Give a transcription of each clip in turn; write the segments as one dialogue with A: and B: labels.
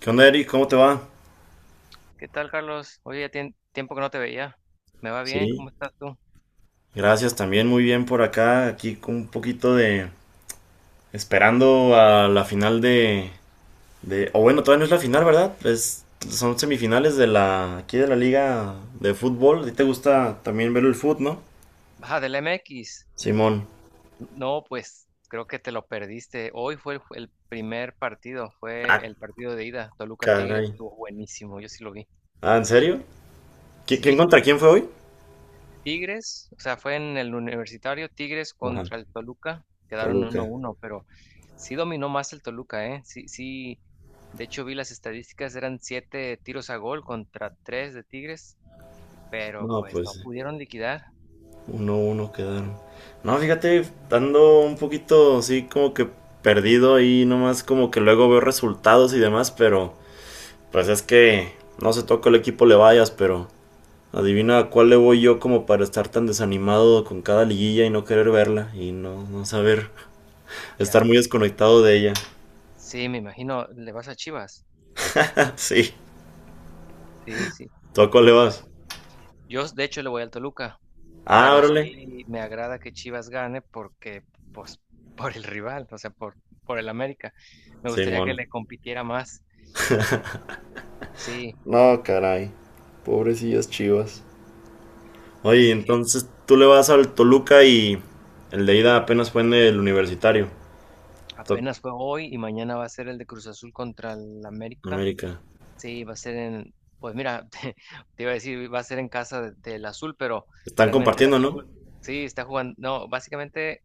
A: ¿Qué onda, Eric? ¿Cómo te va?
B: ¿Qué tal, Carlos? Oye, ya tiene tiempo que no te veía. ¿Me va bien?
A: Sí,
B: ¿Cómo estás tú?
A: gracias, también muy bien por acá, aquí con un poquito de esperando a la final o bueno, todavía no es la final, ¿verdad? Son semifinales de la aquí de la liga de fútbol. ¿A ti te gusta también ver el fútbol, no?
B: Ajá, del MX.
A: Simón.
B: No, pues creo que te lo perdiste. Hoy fue el primer partido, fue
A: Ah,
B: el partido de ida, Toluca Tigres.
A: caray.
B: Estuvo buenísimo, yo sí lo vi.
A: Ah, ¿en serio? ¿Quién
B: Sí,
A: contra quién fue hoy?
B: Tigres, o sea, fue en el universitario, Tigres
A: Ajá,
B: contra el Toluca, quedaron uno
A: Toluca.
B: uno, pero sí dominó más el Toluca, ¿eh? Sí, sí, de hecho vi las estadísticas, eran siete tiros a gol contra tres de Tigres, pero
A: No,
B: pues no
A: pues
B: pudieron liquidar.
A: 1-1 quedaron. No, fíjate, ando un poquito así como que perdido y nomás como que luego veo resultados y demás, pero pues es que no se toca el equipo le vayas, pero adivina a cuál le voy yo como para estar tan desanimado con cada liguilla y no querer verla y no saber estar muy
B: Ya.
A: desconectado de ella.
B: Sí, me imagino, le vas a Chivas.
A: Sí,
B: Sí, sí.
A: ¿tú a cuál le vas?
B: Yo, de hecho, le voy al Toluca,
A: Ah,
B: pero
A: órale,
B: sí me agrada que Chivas gane porque, pues, por el rival, o sea, por el América. Me gustaría que
A: Simón.
B: le compitiera más. Sí,
A: No, caray, pobrecillas Chivas. Oye,
B: sí.
A: entonces tú le vas al Toluca y el de ida apenas fue en el universitario. To-
B: Apenas fue hoy y mañana va a ser el de Cruz Azul contra el América.
A: América.
B: Sí, va a ser en, pues mira, te iba a decir, va a ser en casa de- del Azul, pero
A: Están
B: realmente el
A: compartiendo, ¿no?
B: Azul, sí, está jugando. No, básicamente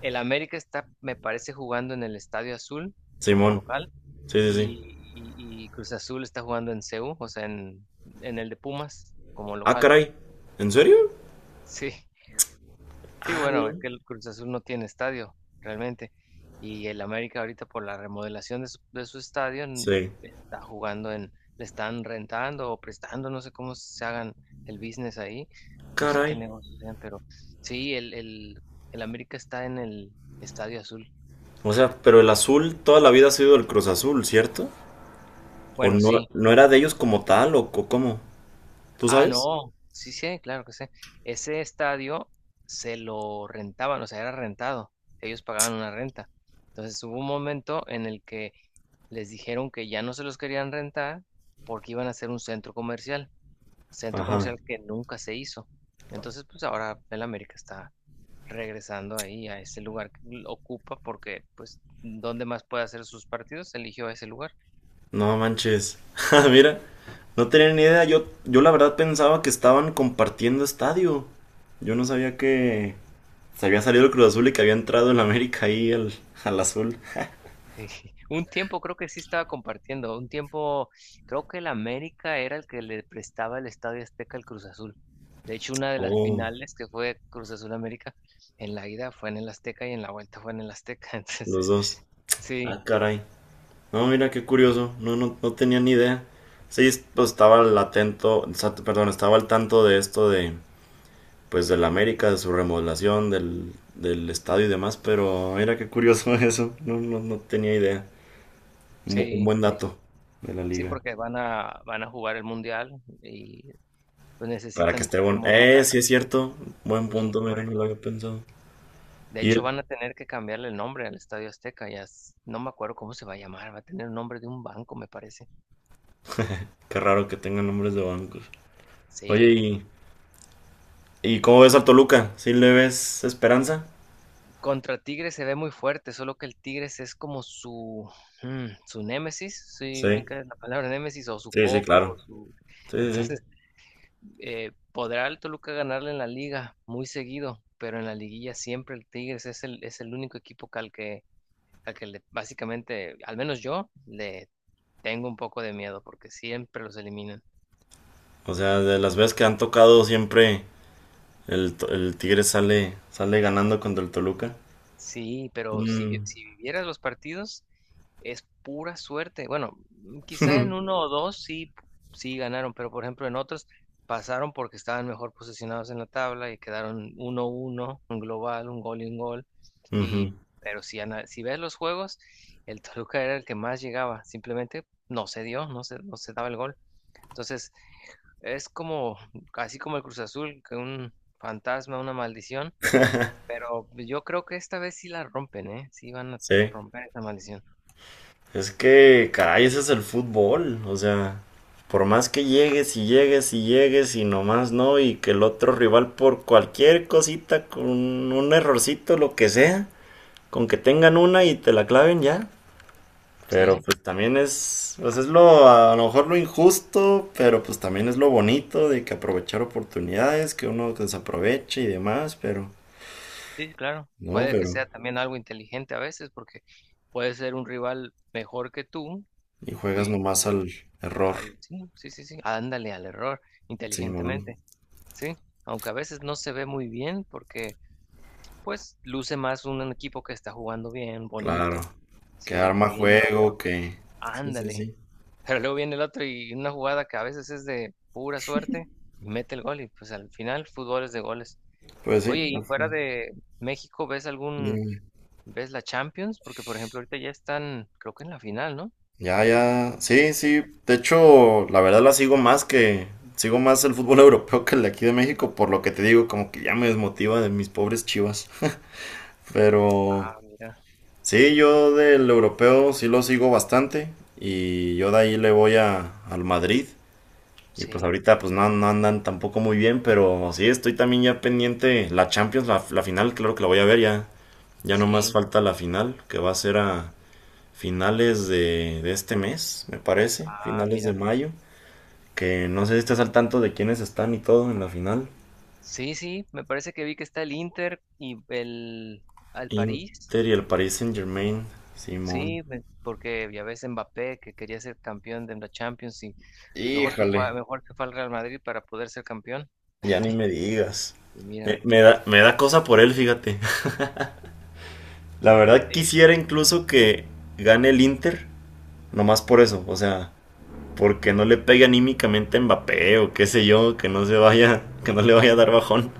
B: el América está, me parece, jugando en el Estadio Azul como
A: Simón.
B: local
A: Sí, sí, sí.
B: y, y Cruz Azul está jugando en CU, o sea, en el de Pumas como
A: Ah,
B: local.
A: caray. ¿En serio?
B: Sí, sí,
A: Ah,
B: bueno, es
A: no.
B: que el Cruz Azul no tiene estadio realmente y el América ahorita por la remodelación de su estadio
A: Sí.
B: está jugando en, le están rentando o prestando, no sé cómo se hagan el business ahí, no sé qué
A: Caray.
B: negocios sean, pero sí, el América está en el Estadio Azul.
A: O sea, pero el Azul toda la vida ha sido el Cruz Azul, ¿cierto? ¿O
B: Bueno,
A: no,
B: sí,
A: no era de ellos como tal o cómo? ¿Tú
B: ah,
A: sabes?
B: no, sí, sí, claro que sí. Ese estadio se lo rentaban, o sea, era rentado. Ellos pagaban una renta. Entonces hubo un momento en el que les dijeron que ya no se los querían rentar porque iban a hacer un centro
A: Ajá.
B: comercial que nunca se hizo. Entonces, pues ahora el América está regresando ahí a ese lugar que ocupa porque, pues, ¿dónde más puede hacer sus partidos? Eligió ese lugar.
A: No manches. Ah, mira, no tenía ni idea. Yo la verdad pensaba que estaban compartiendo estadio. Yo no sabía que se había salido el Cruz Azul y que había entrado el América ahí al, al Azul.
B: Un tiempo creo que sí estaba compartiendo, un tiempo creo que el América era el que le prestaba el Estadio Azteca al Cruz Azul. De hecho, una de las
A: Oh,
B: finales que fue Cruz Azul América, en la ida fue en el Azteca y en la vuelta fue en el Azteca.
A: los
B: Entonces,
A: dos.
B: sí,
A: Ah, caray. No, mira, qué curioso. No, no, no tenía ni idea. Sí, pues estaba al atento, o sea, perdón, estaba al tanto de esto de, pues, del América, de su remodelación, del estadio y demás, pero mira qué curioso eso. No, no, no tenía idea. Un
B: sí,
A: buen
B: sí,
A: dato de la
B: sí,
A: liga.
B: porque van a jugar el Mundial y pues
A: Para que
B: necesitan
A: esté bueno.
B: remodelar.
A: Sí es cierto. Buen
B: Sí,
A: punto,
B: por
A: mira, no lo
B: eso.
A: había pensado.
B: De
A: Y
B: hecho,
A: el-
B: van a tener que cambiarle el nombre al Estadio Azteca. Ya no me acuerdo cómo se va a llamar, va a tener el nombre de un banco, me parece.
A: Qué raro que tengan nombres de bancos. Oye,
B: Sí.
A: ¿Y cómo ves al Toluca? ¿Sí le ves esperanza?
B: Contra Tigres se ve muy fuerte, solo que el Tigres es como su némesis, si
A: Sí,
B: ubica la palabra némesis, o su
A: sí, sí, claro.
B: coco, su...
A: Sí, sí, sí.
B: Entonces, podrá el Toluca ganarle en la liga muy seguido, pero en la liguilla siempre el Tigres es el único equipo que al que, básicamente, al menos yo, le tengo un poco de miedo, porque siempre los eliminan.
A: O sea, de las veces que han tocado siempre el Tigre sale, sale ganando contra el Toluca.
B: Sí, pero si,
A: Mm.
B: si vivieras los partidos, es pura suerte. Bueno, quizá en uno o dos sí, sí ganaron, pero por ejemplo en otros pasaron porque estaban mejor posicionados en la tabla y quedaron 1-1 un global, un gol. Y,
A: Ujú.
B: pero si, si ves los juegos, el Toluca era el que más llegaba, simplemente no se dio, no se daba el gol. Entonces, es como, así como el Cruz Azul, que un fantasma, una maldición pero pues, yo creo que esta vez sí la rompen, ¿eh? Sí van a
A: Sí.
B: romper esa maldición.
A: Es que, caray, ese es el fútbol. O sea, por más que llegues y llegues y llegues y nomás no, y que el otro rival por cualquier cosita, con un errorcito, lo que sea, con que tengan una y te la claven ya. Pero
B: Sí,
A: pues también es, pues es lo, a lo mejor lo injusto, pero pues también es lo bonito de que aprovechar oportunidades, que uno desaproveche y demás, pero
B: sí, claro.
A: no,
B: Puede que sea
A: pero
B: también algo inteligente a veces, porque puede ser un rival mejor que tú
A: y juegas
B: y
A: nomás
B: pues,
A: al error,
B: sí, sí, sí, sí, ándale al error
A: Simón.
B: inteligentemente, sí. Aunque a veces no se ve muy bien, porque pues luce más un equipo que está jugando bien,
A: Claro,
B: bonito,
A: que
B: sí, pero
A: arma
B: ahí viene el
A: juego,
B: otro,
A: que... Sí, sí,
B: ándale.
A: sí.
B: Pero luego viene el otro y una jugada que a veces es de pura suerte y mete el gol y pues al final fútbol es de goles.
A: Pues sí,
B: Oye,
A: no,
B: y fuera de México,
A: dígame.
B: ¿ves la Champions? Porque por ejemplo ahorita ya están, creo que en la final, ¿no?
A: Ya, ya, sí, sí. De hecho, la verdad la sigo más que, sigo más el fútbol europeo que el de aquí de México, por lo que te digo, como que ya me desmotiva de mis pobres Chivas. Pero...
B: Ah, mira,
A: sí, yo del europeo sí lo sigo bastante y yo de ahí le voy al Madrid y pues
B: sí,
A: ahorita pues no, no andan tampoco muy bien, pero sí estoy también ya pendiente la Champions, la final, claro que la voy a ver ya, ya nomás
B: sí,
A: falta la final que va a ser a finales de este mes, me parece,
B: ah,
A: finales de
B: mira.
A: mayo, que no sé si estás al tanto de quiénes están y todo en la final.
B: Sí, sí, me parece que vi que está el Inter y al París.
A: Inter y el Paris Saint-Germain, Simón.
B: Sí, porque ya ves Mbappé que quería ser campeón de la Champions y mejor se fue, a-
A: Híjole.
B: mejor se fue al Real Madrid para poder ser campeón.
A: Ya ni me digas.
B: Y
A: Me,
B: míralo.
A: me da, me da cosa por él, fíjate. La verdad quisiera incluso que gane el Inter, nomás por eso, o sea, porque no le pegue anímicamente a Mbappé o qué sé yo, que no se vaya, que no le vaya a dar bajón,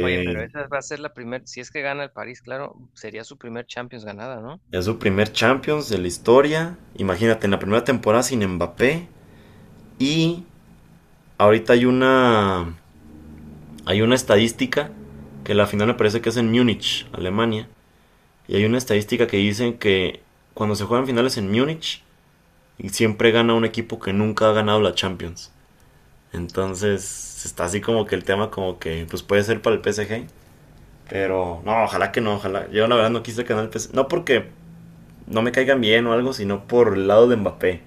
B: Oye, pero esa va a ser la primera, si es que gana el París, claro, sería su primer Champions ganada, ¿no?
A: es su primer Champions de la historia. Imagínate, en la primera temporada sin Mbappé y ahorita hay una estadística que la final me parece que es en Múnich, Alemania. Y hay una estadística que dicen que cuando se juegan finales en Múnich, siempre gana un equipo que nunca ha ganado la Champions. Entonces está así como que el tema como que pues puede ser para el PSG. Pero no, ojalá que no, ojalá. Yo la verdad no quise ganar el PSG. No porque no me caigan bien o algo, sino por el lado de Mbappé.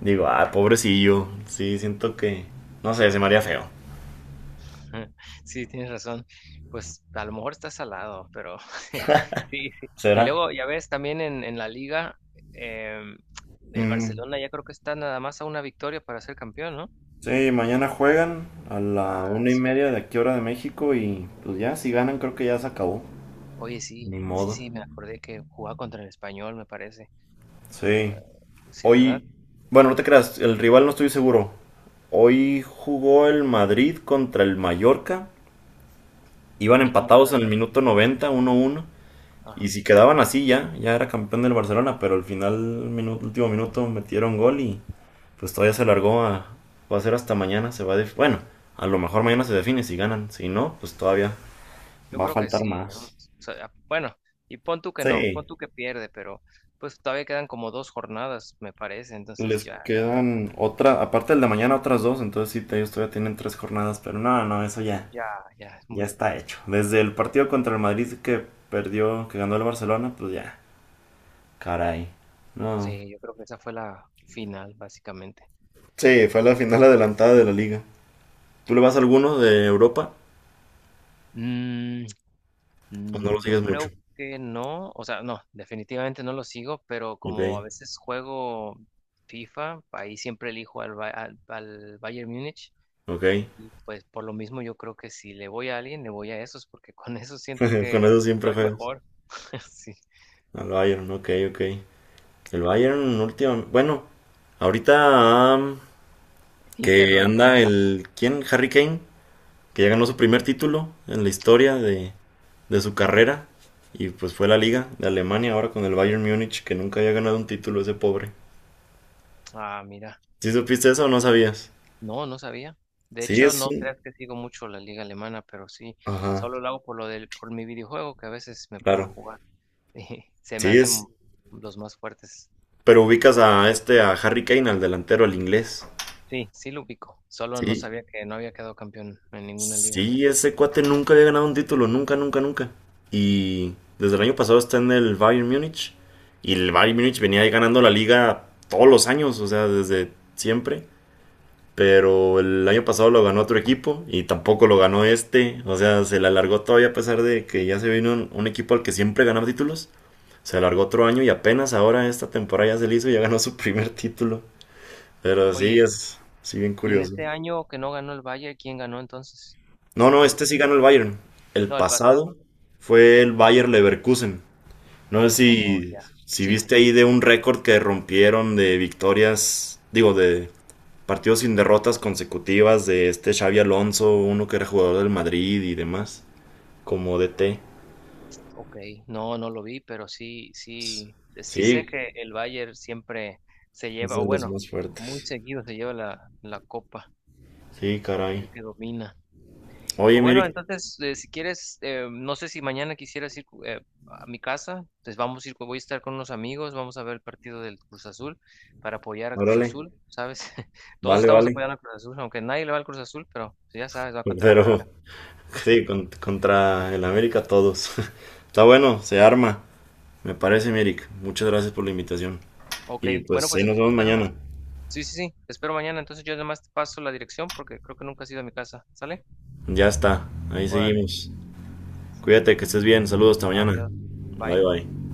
A: Digo, ah, pobrecillo. Sí, siento que... no sé, se me haría feo.
B: Sí, tienes razón. Pues a lo mejor está salado, pero sí, sí. Y
A: ¿Será?
B: luego, ya ves, también en la liga, em, el
A: Mm,
B: Barcelona ya creo que está nada más a una victoria para ser campeón, ¿no?
A: sí, mañana juegan a la
B: Ah,
A: 1:30
B: cierto.
A: de aquí hora de México y pues ya, si ganan creo que ya se acabó.
B: Oye, sí,
A: Ni
B: sí,
A: modo.
B: sí, me acordé que jugaba contra el Español, me parece. Ah,
A: Sí.
B: sí, ¿verdad?
A: Hoy, bueno, no te creas, el rival no estoy seguro. Hoy jugó el Madrid contra el Mallorca. Iban
B: ¿Y cómo
A: empatados en
B: quedaron?
A: el minuto 90, 1-1. Y
B: Ajá.
A: si quedaban así ya, ya era campeón del Barcelona, pero al final, minuto, último minuto, metieron gol y pues todavía se largó a... va a ser hasta mañana, se va a... bueno, a lo mejor mañana se define si ganan. Si no, pues todavía
B: Yo
A: va a
B: creo que
A: faltar
B: sí, ¿no? O
A: más.
B: sea, bueno, y pon tú que no, pon
A: Sí.
B: tú que pierde, pero pues todavía quedan como dos jornadas, me parece, entonces
A: Les
B: ya,
A: quedan otra, aparte del de mañana, otras dos, entonces sí, ellos todavía tienen tres jornadas, pero no, no, eso ya,
B: ya, ya
A: ya está hecho. Desde el partido contra el Madrid que perdió, que ganó el Barcelona, pues ya, caray. No.
B: sí, yo creo que esa fue la final, básicamente.
A: Sí, fue la final adelantada de la liga. ¿Tú le vas a alguno de Europa
B: Mm,
A: o no lo
B: yo
A: sigues mucho?
B: creo que no, o sea, no, definitivamente no lo sigo, pero
A: Ok,
B: como a veces juego FIFA, ahí siempre elijo al Bayern Múnich.
A: ok.
B: Y pues por lo mismo yo creo que si le voy a alguien, le voy a esos, porque con esos siento
A: Con
B: que
A: eso siempre
B: soy
A: juegas.
B: mejor. Sí.
A: Al Bayern, ok, ok. El Bayern, último, bueno, ahorita am,
B: Inter
A: que
B: lo
A: anda
B: eliminó.
A: el, ¿quién? Harry Kane que ya ganó su primer título en la historia de su carrera. Y pues fue la liga de Alemania ahora con el Bayern Múnich, que nunca había ganado un título ese pobre.
B: Ah, mira.
A: ¿Sí supiste eso o no sabías?
B: No, no sabía. De
A: Sí,
B: hecho,
A: es
B: no
A: un...
B: creas que sigo mucho la liga alemana, pero sí,
A: ajá,
B: solo lo hago por mi videojuego, que a veces me pongo a
A: claro.
B: jugar. Y se me
A: Sí,
B: hacen
A: es...
B: los más fuertes.
A: pero ubicas a este, a Harry Kane, al delantero, al inglés.
B: Sí, sí lo ubico. Solo no
A: Sí,
B: sabía que no había quedado campeón en ninguna liga.
A: sí, ese cuate nunca había ganado un título, nunca, nunca, nunca. Y desde el año pasado está en el Bayern Múnich. Y el Bayern Múnich venía ahí ganando la liga todos los años, o sea, desde siempre. Pero el año pasado lo ganó otro equipo y tampoco lo ganó este. O sea, se le alargó todavía a pesar de que ya se vino un equipo al que siempre ganaba títulos. Se alargó otro año y apenas ahora esta temporada ya se le hizo y ya ganó su primer título. Pero sí,
B: Oye,
A: es sí bien
B: ¿y en
A: curioso.
B: este año que no ganó el Bayern, quién ganó entonces?
A: No, no, este sí
B: ¿Borussia?
A: ganó el Bayern. El
B: No, el pasado.
A: pasado fue el Bayer Leverkusen. No sé
B: Oh,
A: si,
B: ya.
A: si
B: Sí,
A: viste ahí de un récord que rompieron de victorias, digo, de partidos sin derrotas consecutivas de este Xavi Alonso, uno que era jugador del Madrid y demás, como DT.
B: ok. No, no lo vi, pero sí, sí, sí sé
A: Sí,
B: que el Bayern siempre se
A: es
B: lleva, o
A: de los
B: bueno,
A: más
B: muy
A: fuertes.
B: seguido se lleva la copa,
A: Sí,
B: es
A: caray.
B: el que domina. Pues
A: Oye,
B: bueno,
A: Mirik,
B: entonces, si quieres, no sé si mañana quisieras ir a mi casa, pues vamos a ir, voy a estar con unos amigos, vamos a ver el partido del Cruz Azul para apoyar a Cruz
A: órale,
B: Azul, ¿sabes? Todos
A: vale,
B: estamos
A: vale.
B: apoyando a Cruz Azul, aunque nadie le va al Cruz Azul, pero pues, ya sabes, va contra el
A: Pero
B: América.
A: sí, contra el América todos. Está bueno, se arma. Me parece, Mirik. Muchas gracias por la invitación.
B: Ok,
A: Y
B: bueno,
A: pues
B: pues
A: ahí nos
B: entonces
A: vemos
B: espero.
A: mañana.
B: Sí, sí, sí. Te espero mañana. Entonces yo además te paso la dirección porque creo que nunca has ido a mi casa. ¿Sale?
A: Ya está, ahí
B: Órale.
A: seguimos. Cuídate, que estés bien. Saludos, hasta mañana.
B: Adiós. Bye.
A: Bye, bye.